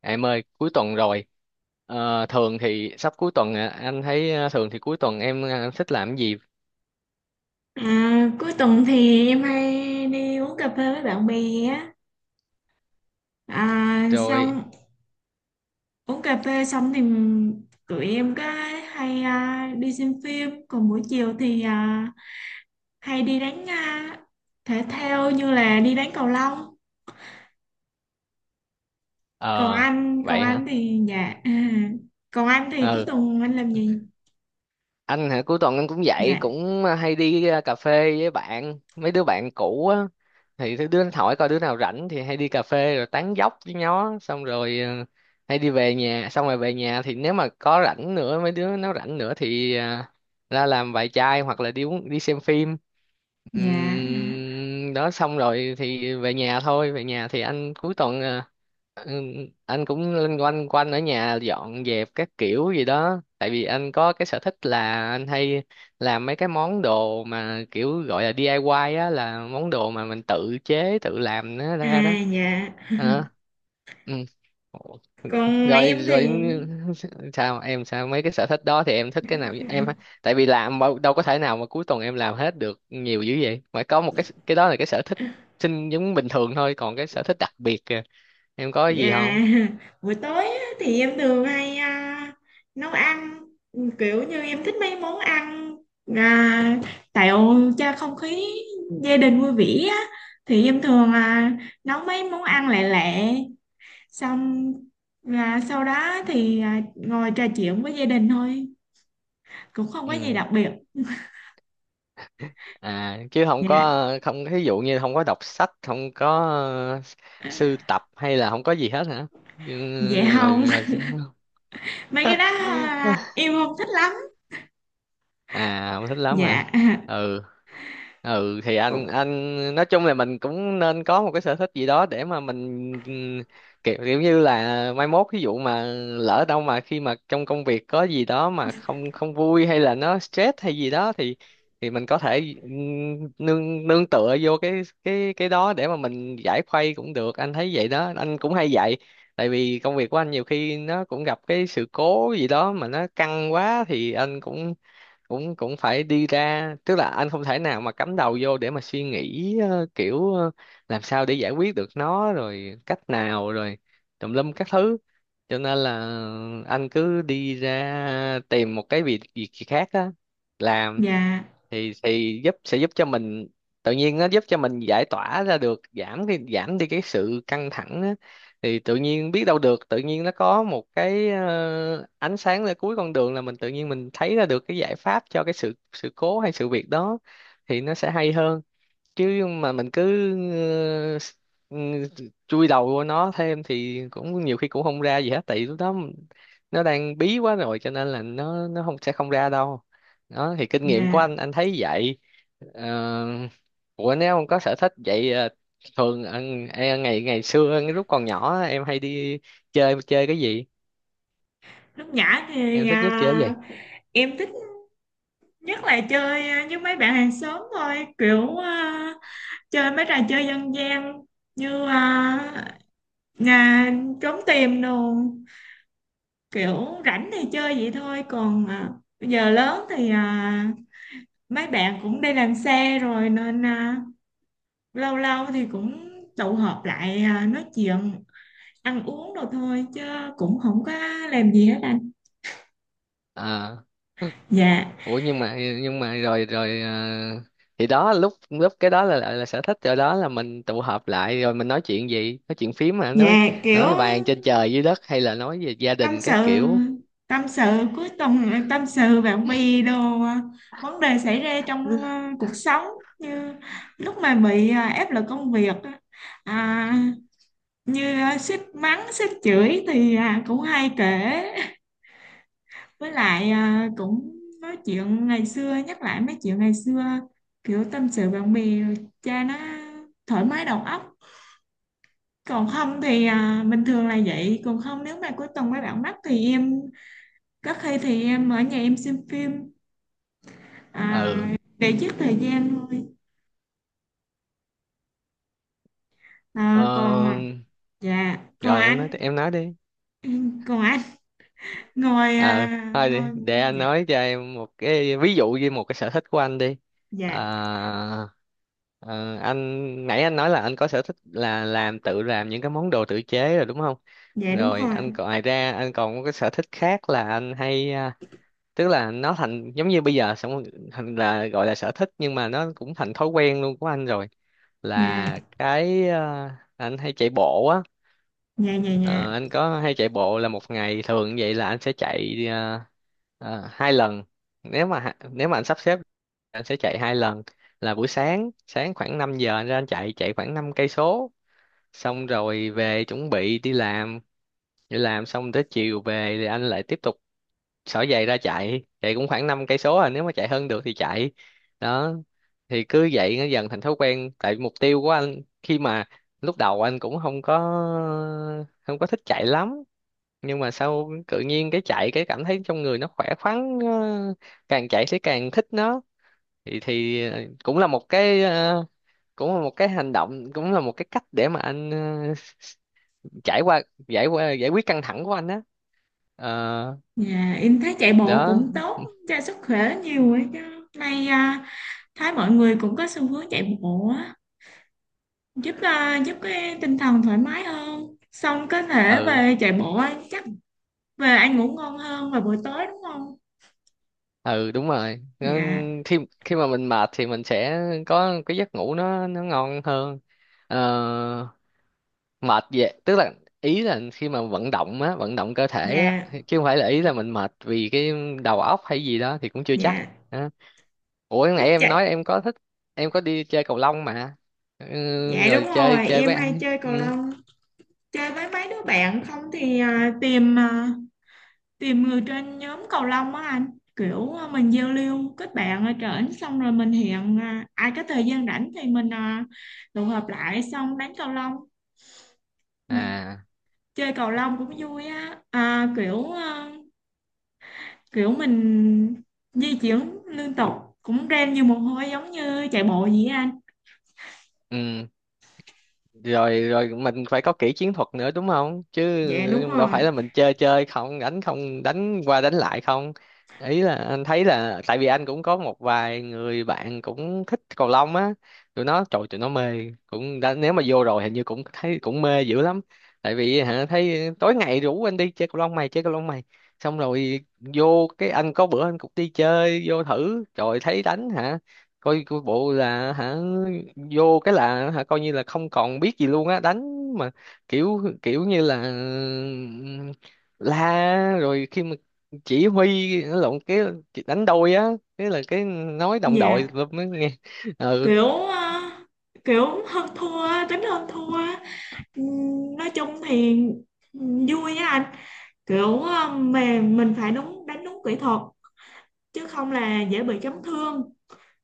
Em ơi, cuối tuần rồi. Thường thì sắp cuối tuần à, anh thấy thường thì cuối tuần em thích làm cái gì? À, cuối tuần thì em hay đi uống cà phê với bạn bè á xong Rồi. uống cà phê xong thì tụi em có hay đi xem phim, còn buổi chiều thì hay đi đánh thể thao như là đi đánh cầu lông. còn ờ anh còn Vậy hả? anh thì dạ còn anh thì cuối Ừ, tuần anh làm gì? anh hả cuối tuần anh cũng vậy, Dạ, cũng hay đi cà phê với bạn, mấy đứa bạn cũ á, thì thứ đứa nó hỏi coi đứa nào rảnh thì hay đi cà phê rồi tán dóc với nó xong rồi, hay đi về nhà. Xong rồi về nhà thì nếu mà có rảnh nữa, mấy đứa nó rảnh nữa, thì ra làm vài chai hoặc là đi uống, đi xem phim. dạ Đó xong rồi thì về nhà thôi. Về nhà thì anh cuối tuần ừm, anh cũng loanh quanh quanh ở nhà dọn dẹp các kiểu gì đó, tại vì anh có cái sở thích là anh hay làm mấy cái món đồ mà kiểu gọi là DIY á, là món đồ mà mình tự chế tự làm nó ra đó. dạ Hả? Ừm. Ủa, còn rồi em rồi. thì. Sao mấy cái sở thích đó thì em thích cái nào em? Tại vì làm mà đâu có thể nào mà cuối tuần em làm hết được nhiều dữ vậy, phải có một cái đó là cái sở thích sinh giống bình thường thôi, còn cái sở thích đặc biệt kìa, em có cái Dạ, gì không? buổi tối á, thì em thường hay nấu ăn, kiểu như em thích mấy món ăn, à, tạo cho không khí gia đình vui vẻ á. Thì em thường nấu mấy món ăn lẹ lẹ, xong là sau đó thì ngồi trò chuyện với gia đình thôi, cũng không có gì Ừ, đặc biệt. à, chứ không Dạ, có, không ví dụ như không có đọc sách, không có ờ, sưu tập, hay là không có gì hết hả? Ừ, dạ rồi không. rồi. Mấy cái đó em không thích lắm. à không thích lắm hả? Dạ, Ừ. Ừ thì anh cũng- anh nói chung là mình cũng nên có một cái sở thích gì đó để mà mình, ừm, kiểu như là mai mốt ví dụ mà lỡ đâu mà khi mà trong công việc có gì đó mà không không vui hay là nó stress hay gì đó thì, mình có thể nương nương tựa vô cái đó để mà mình giải khuây cũng được. Anh thấy vậy đó, anh cũng hay vậy. Tại vì công việc của anh nhiều khi nó cũng gặp cái sự cố gì đó mà nó căng quá thì anh cũng cũng cũng phải đi ra, tức là anh không thể nào mà cắm đầu vô để mà suy nghĩ làm sao để giải quyết được nó rồi, cách nào rồi, tùm lum các thứ. Cho nên là anh cứ đi ra tìm một cái việc việc gì khác á, làm, dạ, thì giúp, sẽ giúp cho mình, tự nhiên nó giúp cho mình giải tỏa ra được, giảm đi cái sự căng thẳng á. Thì tự nhiên biết đâu được, tự nhiên nó có một cái ánh sáng ở cuối con đường, là mình tự nhiên mình thấy ra được cái giải pháp cho cái sự sự cố hay sự việc đó, thì nó sẽ hay hơn. Chứ mà mình cứ ờ, s- ừ, chui đầu vô nó thêm thì cũng nhiều khi cũng không ra gì hết, tại vì lúc đó nó đang bí quá rồi cho nên là nó không, sẽ không ra đâu. Đó thì kinh nghiệm của dạ, anh thấy vậy. Ờ, Ủa, nếu ông có sở thích vậy, thường em ngày ngày xưa lúc còn nhỏ em hay đi chơi chơi cái gì, lúc nhỏ em thì thích nhất chơi cái gì? em thích nhất là chơi với mấy bạn hàng xóm thôi, kiểu chơi mấy trò chơi dân gian như nhà trốn tìm đồ, kiểu rảnh thì chơi vậy thôi. Còn bây giờ lớn thì mấy bạn cũng đi làm xe rồi nên lâu lâu thì cũng tụ họp lại nói chuyện ăn uống đồ thôi, chứ cũng không có làm gì hết anh. À, Dạ, ủa, nhưng mà rồi rồi, thì đó, lúc lúc cái đó là sở thích rồi. Đó là mình tụ họp lại rồi mình nói chuyện, gì nói chuyện phím, mà nói dạ, kiểu nói bàn trên trời dưới đất hay là nói về gia tâm đình sự, các kiểu. tâm sự cuối tuần, tâm sự bạn bè đồ, vấn đề xảy ra trong cuộc sống, như lúc mà bị áp lực công việc á, à, như sếp mắng sếp chửi thì cũng hay kể. Với lại cũng nói chuyện ngày xưa, nhắc lại mấy chuyện ngày xưa, kiểu tâm sự bạn bè cha nó thoải mái đầu óc. Còn không thì bình thường là vậy, còn không nếu mà cuối tuần mấy bạn mắc thì em rất khi thì em ở nhà em xem phim Ừ. Để giết thời gian thôi. ờ, À, còn dạ còn Rồi em nói anh, em nói đi. còn anh ngồi ờ Thôi ngồi. đi, để anh Dạ, nói cho em một cái ví dụ về một cái sở thích của anh đi. à, dạ, ờ, anh nãy anh nói là anh có sở thích là tự làm những cái món đồ tự chế rồi, đúng không? dạ đúng Rồi rồi. anh còn, ngoài ra anh còn có cái sở thích khác là anh hay, tức là nó thành giống như bây giờ. Xong rồi thành, là gọi là sở thích nhưng mà nó cũng thành thói quen luôn của anh rồi, Dạ, là cái, anh hay chạy bộ. dạ, dạ, dạ, Ờ, anh có hay chạy bộ là một ngày thường vậy là anh sẽ chạy hai lần, nếu mà nếu mà anh sắp xếp anh sẽ chạy hai lần. Là buổi sáng sáng khoảng 5 giờ anh ra anh chạy chạy khoảng 5 cây số, xong rồi về chuẩn bị đi làm. Đi làm xong tới chiều về thì anh lại tiếp tục xỏ giày ra chạy chạy cũng khoảng 5 cây số, nếu mà chạy hơn được thì chạy. Đó, thì cứ vậy nó dần thành thói quen, tại mục tiêu của anh khi mà lúc đầu anh cũng không có thích chạy lắm, nhưng mà sau tự nhiên cái chạy cái cảm thấy trong người nó khỏe khoắn càng chạy thì càng thích nó. Thì Cũng là một cái, cũng là một cái hành động, cũng là một cái cách để mà anh trải qua, giải quyết căng thẳng của anh á. Ờ, dạ em thấy chạy bộ đó. cũng tốt cho sức khỏe nhiều ấy chứ, nay thấy mọi người cũng có xu hướng chạy bộ á, giúp giúp cái tinh thần thoải mái hơn, xong có thể Ừ, về chạy bộ á, chắc về ăn ngủ ngon hơn vào buổi tối, đúng không? ừ đúng rồi. Dạ, Khi khi mà mình mệt thì mình sẽ có cái giấc ngủ nó ngon hơn. Ờ, mệt vậy tức là, ý là khi mà vận động cơ thể á, dạ, chứ không phải là, ý là mình mệt vì cái đầu óc hay gì đó thì cũng chưa chắc. dạ Đó. Ủa, nãy lúc em nói chạy. em có thích, em có đi chơi cầu lông mà. Ừ, Dạ đúng rồi chơi rồi, chơi với em ai? hay chơi Ừ. cầu lông, chơi với mấy đứa bạn. Không thì tìm người trên nhóm cầu lông á anh, kiểu mình giao lưu kết bạn ở trển, xong rồi mình hẹn ai có thời gian rảnh thì mình tụ họp lại xong đánh cầu lông. À. Chơi cầu lông cũng vui á, kiểu mình di chuyển liên tục, cũng ren nhiều mồ hôi giống như chạy bộ vậy á anh. Ừ. Rồi rồi, mình phải có kỹ chiến thuật nữa, đúng không? Dạ đúng Chứ đâu rồi. phải là mình chơi chơi không, đánh không, đánh qua đánh lại không. Ý là anh thấy là, tại vì anh cũng có một vài người bạn cũng thích cầu lông á, tụi nó trời tụi nó mê cũng đã, nếu mà vô rồi hình như cũng thấy cũng mê dữ lắm. Tại vì hả, thấy tối ngày rủ anh đi chơi cầu lông mày, chơi cầu lông mày, xong rồi vô cái anh có bữa anh cũng đi chơi vô thử rồi thấy đánh hả, coi coi bộ là hả, vô cái là hả, coi như là không còn biết gì luôn á, đánh mà kiểu kiểu như là la, rồi khi mà chỉ huy lộn cái đánh đôi á, thế là cái nói đồng đội Dạ mới nghe. Ừ. kiểu kiểu hơn thua á, tính hơn thua á. Nói chung thì vui nha anh, kiểu mà mình phải đúng, đánh đúng kỹ thuật chứ không là dễ bị chấn thương.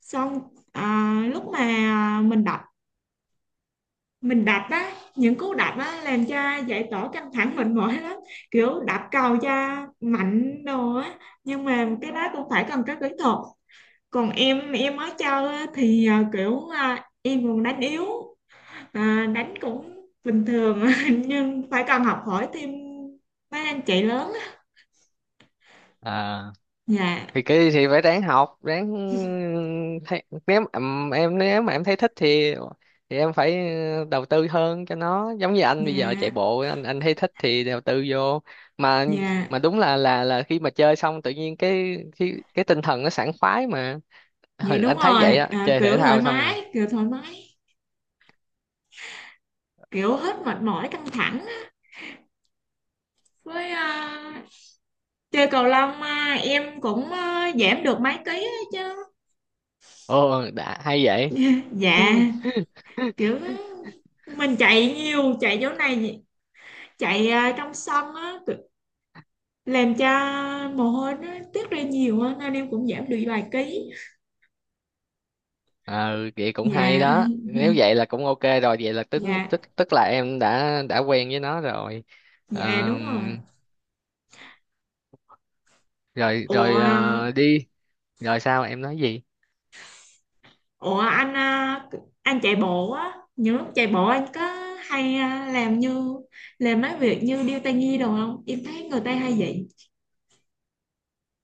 Xong lúc mà mình đập, mình đập á, những cú đập á làm cho giải tỏa căng thẳng mệt mỏi lắm, kiểu đập cầu cho mạnh đồ á, nhưng mà cái đó cũng phải cần có kỹ thuật. Còn em mới chơi á, thì kiểu em còn đánh yếu. À, đánh cũng bình thường nhưng phải cần học hỏi thêm mấy anh chị lớn á. À, Dạ, thì kỳ thì phải ráng học ráng, thấy nếu nếu mà em thấy thích thì, em phải đầu tư hơn cho nó, giống như anh bây giờ chạy dạ, bộ, anh thấy thích thì đầu tư vô. mà dạ, mà đúng là khi mà chơi xong tự nhiên cái, tinh thần nó sảng khoái mà. dạ Ừ, đúng anh thấy vậy rồi, á, chơi thể kiểu thoải thao xong rồi. mái, kiểu thoải mái, kiểu hết mệt mỏi căng thẳng á. Với chơi cầu lông em cũng giảm được mấy ký á chứ. Ồ, đã hay vậy. Dạ, kiểu mình chạy nhiều, chạy chỗ này, chạy trong sân á, làm cho mồ hôi nó tiết ra nhiều á nên em cũng giảm được vài ký. ờ vậy cũng Dạ, hay đó, nếu vậy là cũng ok rồi, vậy là tức dạ. tức tức là em đã quen với nó rồi. Dạ đúng rồi. Ờm, Rồi rồi, Ủa, đi. Rồi sao, em nói gì? ủa, anh anh chạy bộ á, những lúc chạy bộ anh có hay làm mấy việc như điêu tai nhi đồ không? Em thấy người ta hay vậy.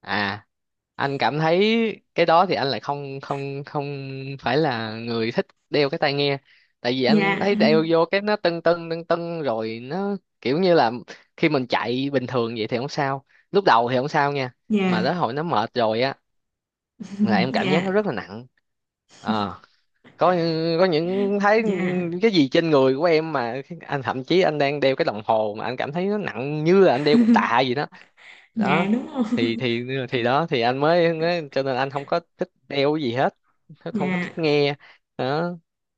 À, anh cảm thấy cái đó thì anh lại không không không phải là người thích đeo cái tai nghe. Tại vì anh Dạ, thấy đeo vô cái nó tưng tưng tưng tưng rồi nó kiểu như là, khi mình chạy bình thường vậy thì không sao, lúc đầu thì không sao nha, mà dạ, tới hồi nó mệt rồi á là em cảm dạ, giác nó rất là nặng. ờ có có những thấy dạ, cái gì trên người của em, mà anh thậm chí anh đang đeo cái đồng hồ mà anh cảm thấy nó nặng như là anh đeo cục tạ gì đó. dạ Đó đúng rồi. thì thì thì đó thì anh mới cho nên anh không có thích đeo cái gì hết, không có Dạ, thích nghe. Đó,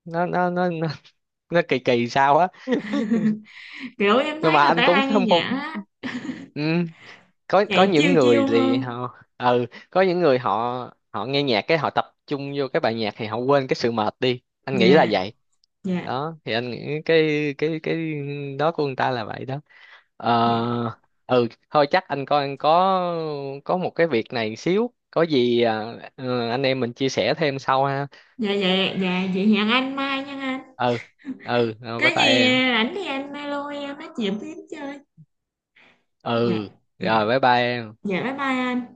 nó nó nó nó, nó kỳ kỳ sao á, kiểu em nhưng thấy mà người anh ta cũng hay nghe không phục. nhạc á, Ừ. có chạy những chiêu người chiêu thì hơn. họ, có những người họ họ nghe nhạc cái họ tập trung vô cái bài nhạc thì họ quên cái sự mệt đi, anh nghĩ là Dạ, vậy. dạ, Đó thì anh nghĩ cái đó của người ta là vậy đó. dạ, Ờ, ừ thôi chắc anh coi anh có một cái việc này xíu, có gì ừ, anh em mình chia sẻ thêm sau ha. dạ, dạ, dạ, vậy hẹn anh mai nha anh. Ừ. Ừ rồi, bye Cái bye gì em. ảnh thì anh alo em nói chuyện tiếp chơi. Dạ, Ừ dạ, rồi, bye bye em. dạ bye bye anh.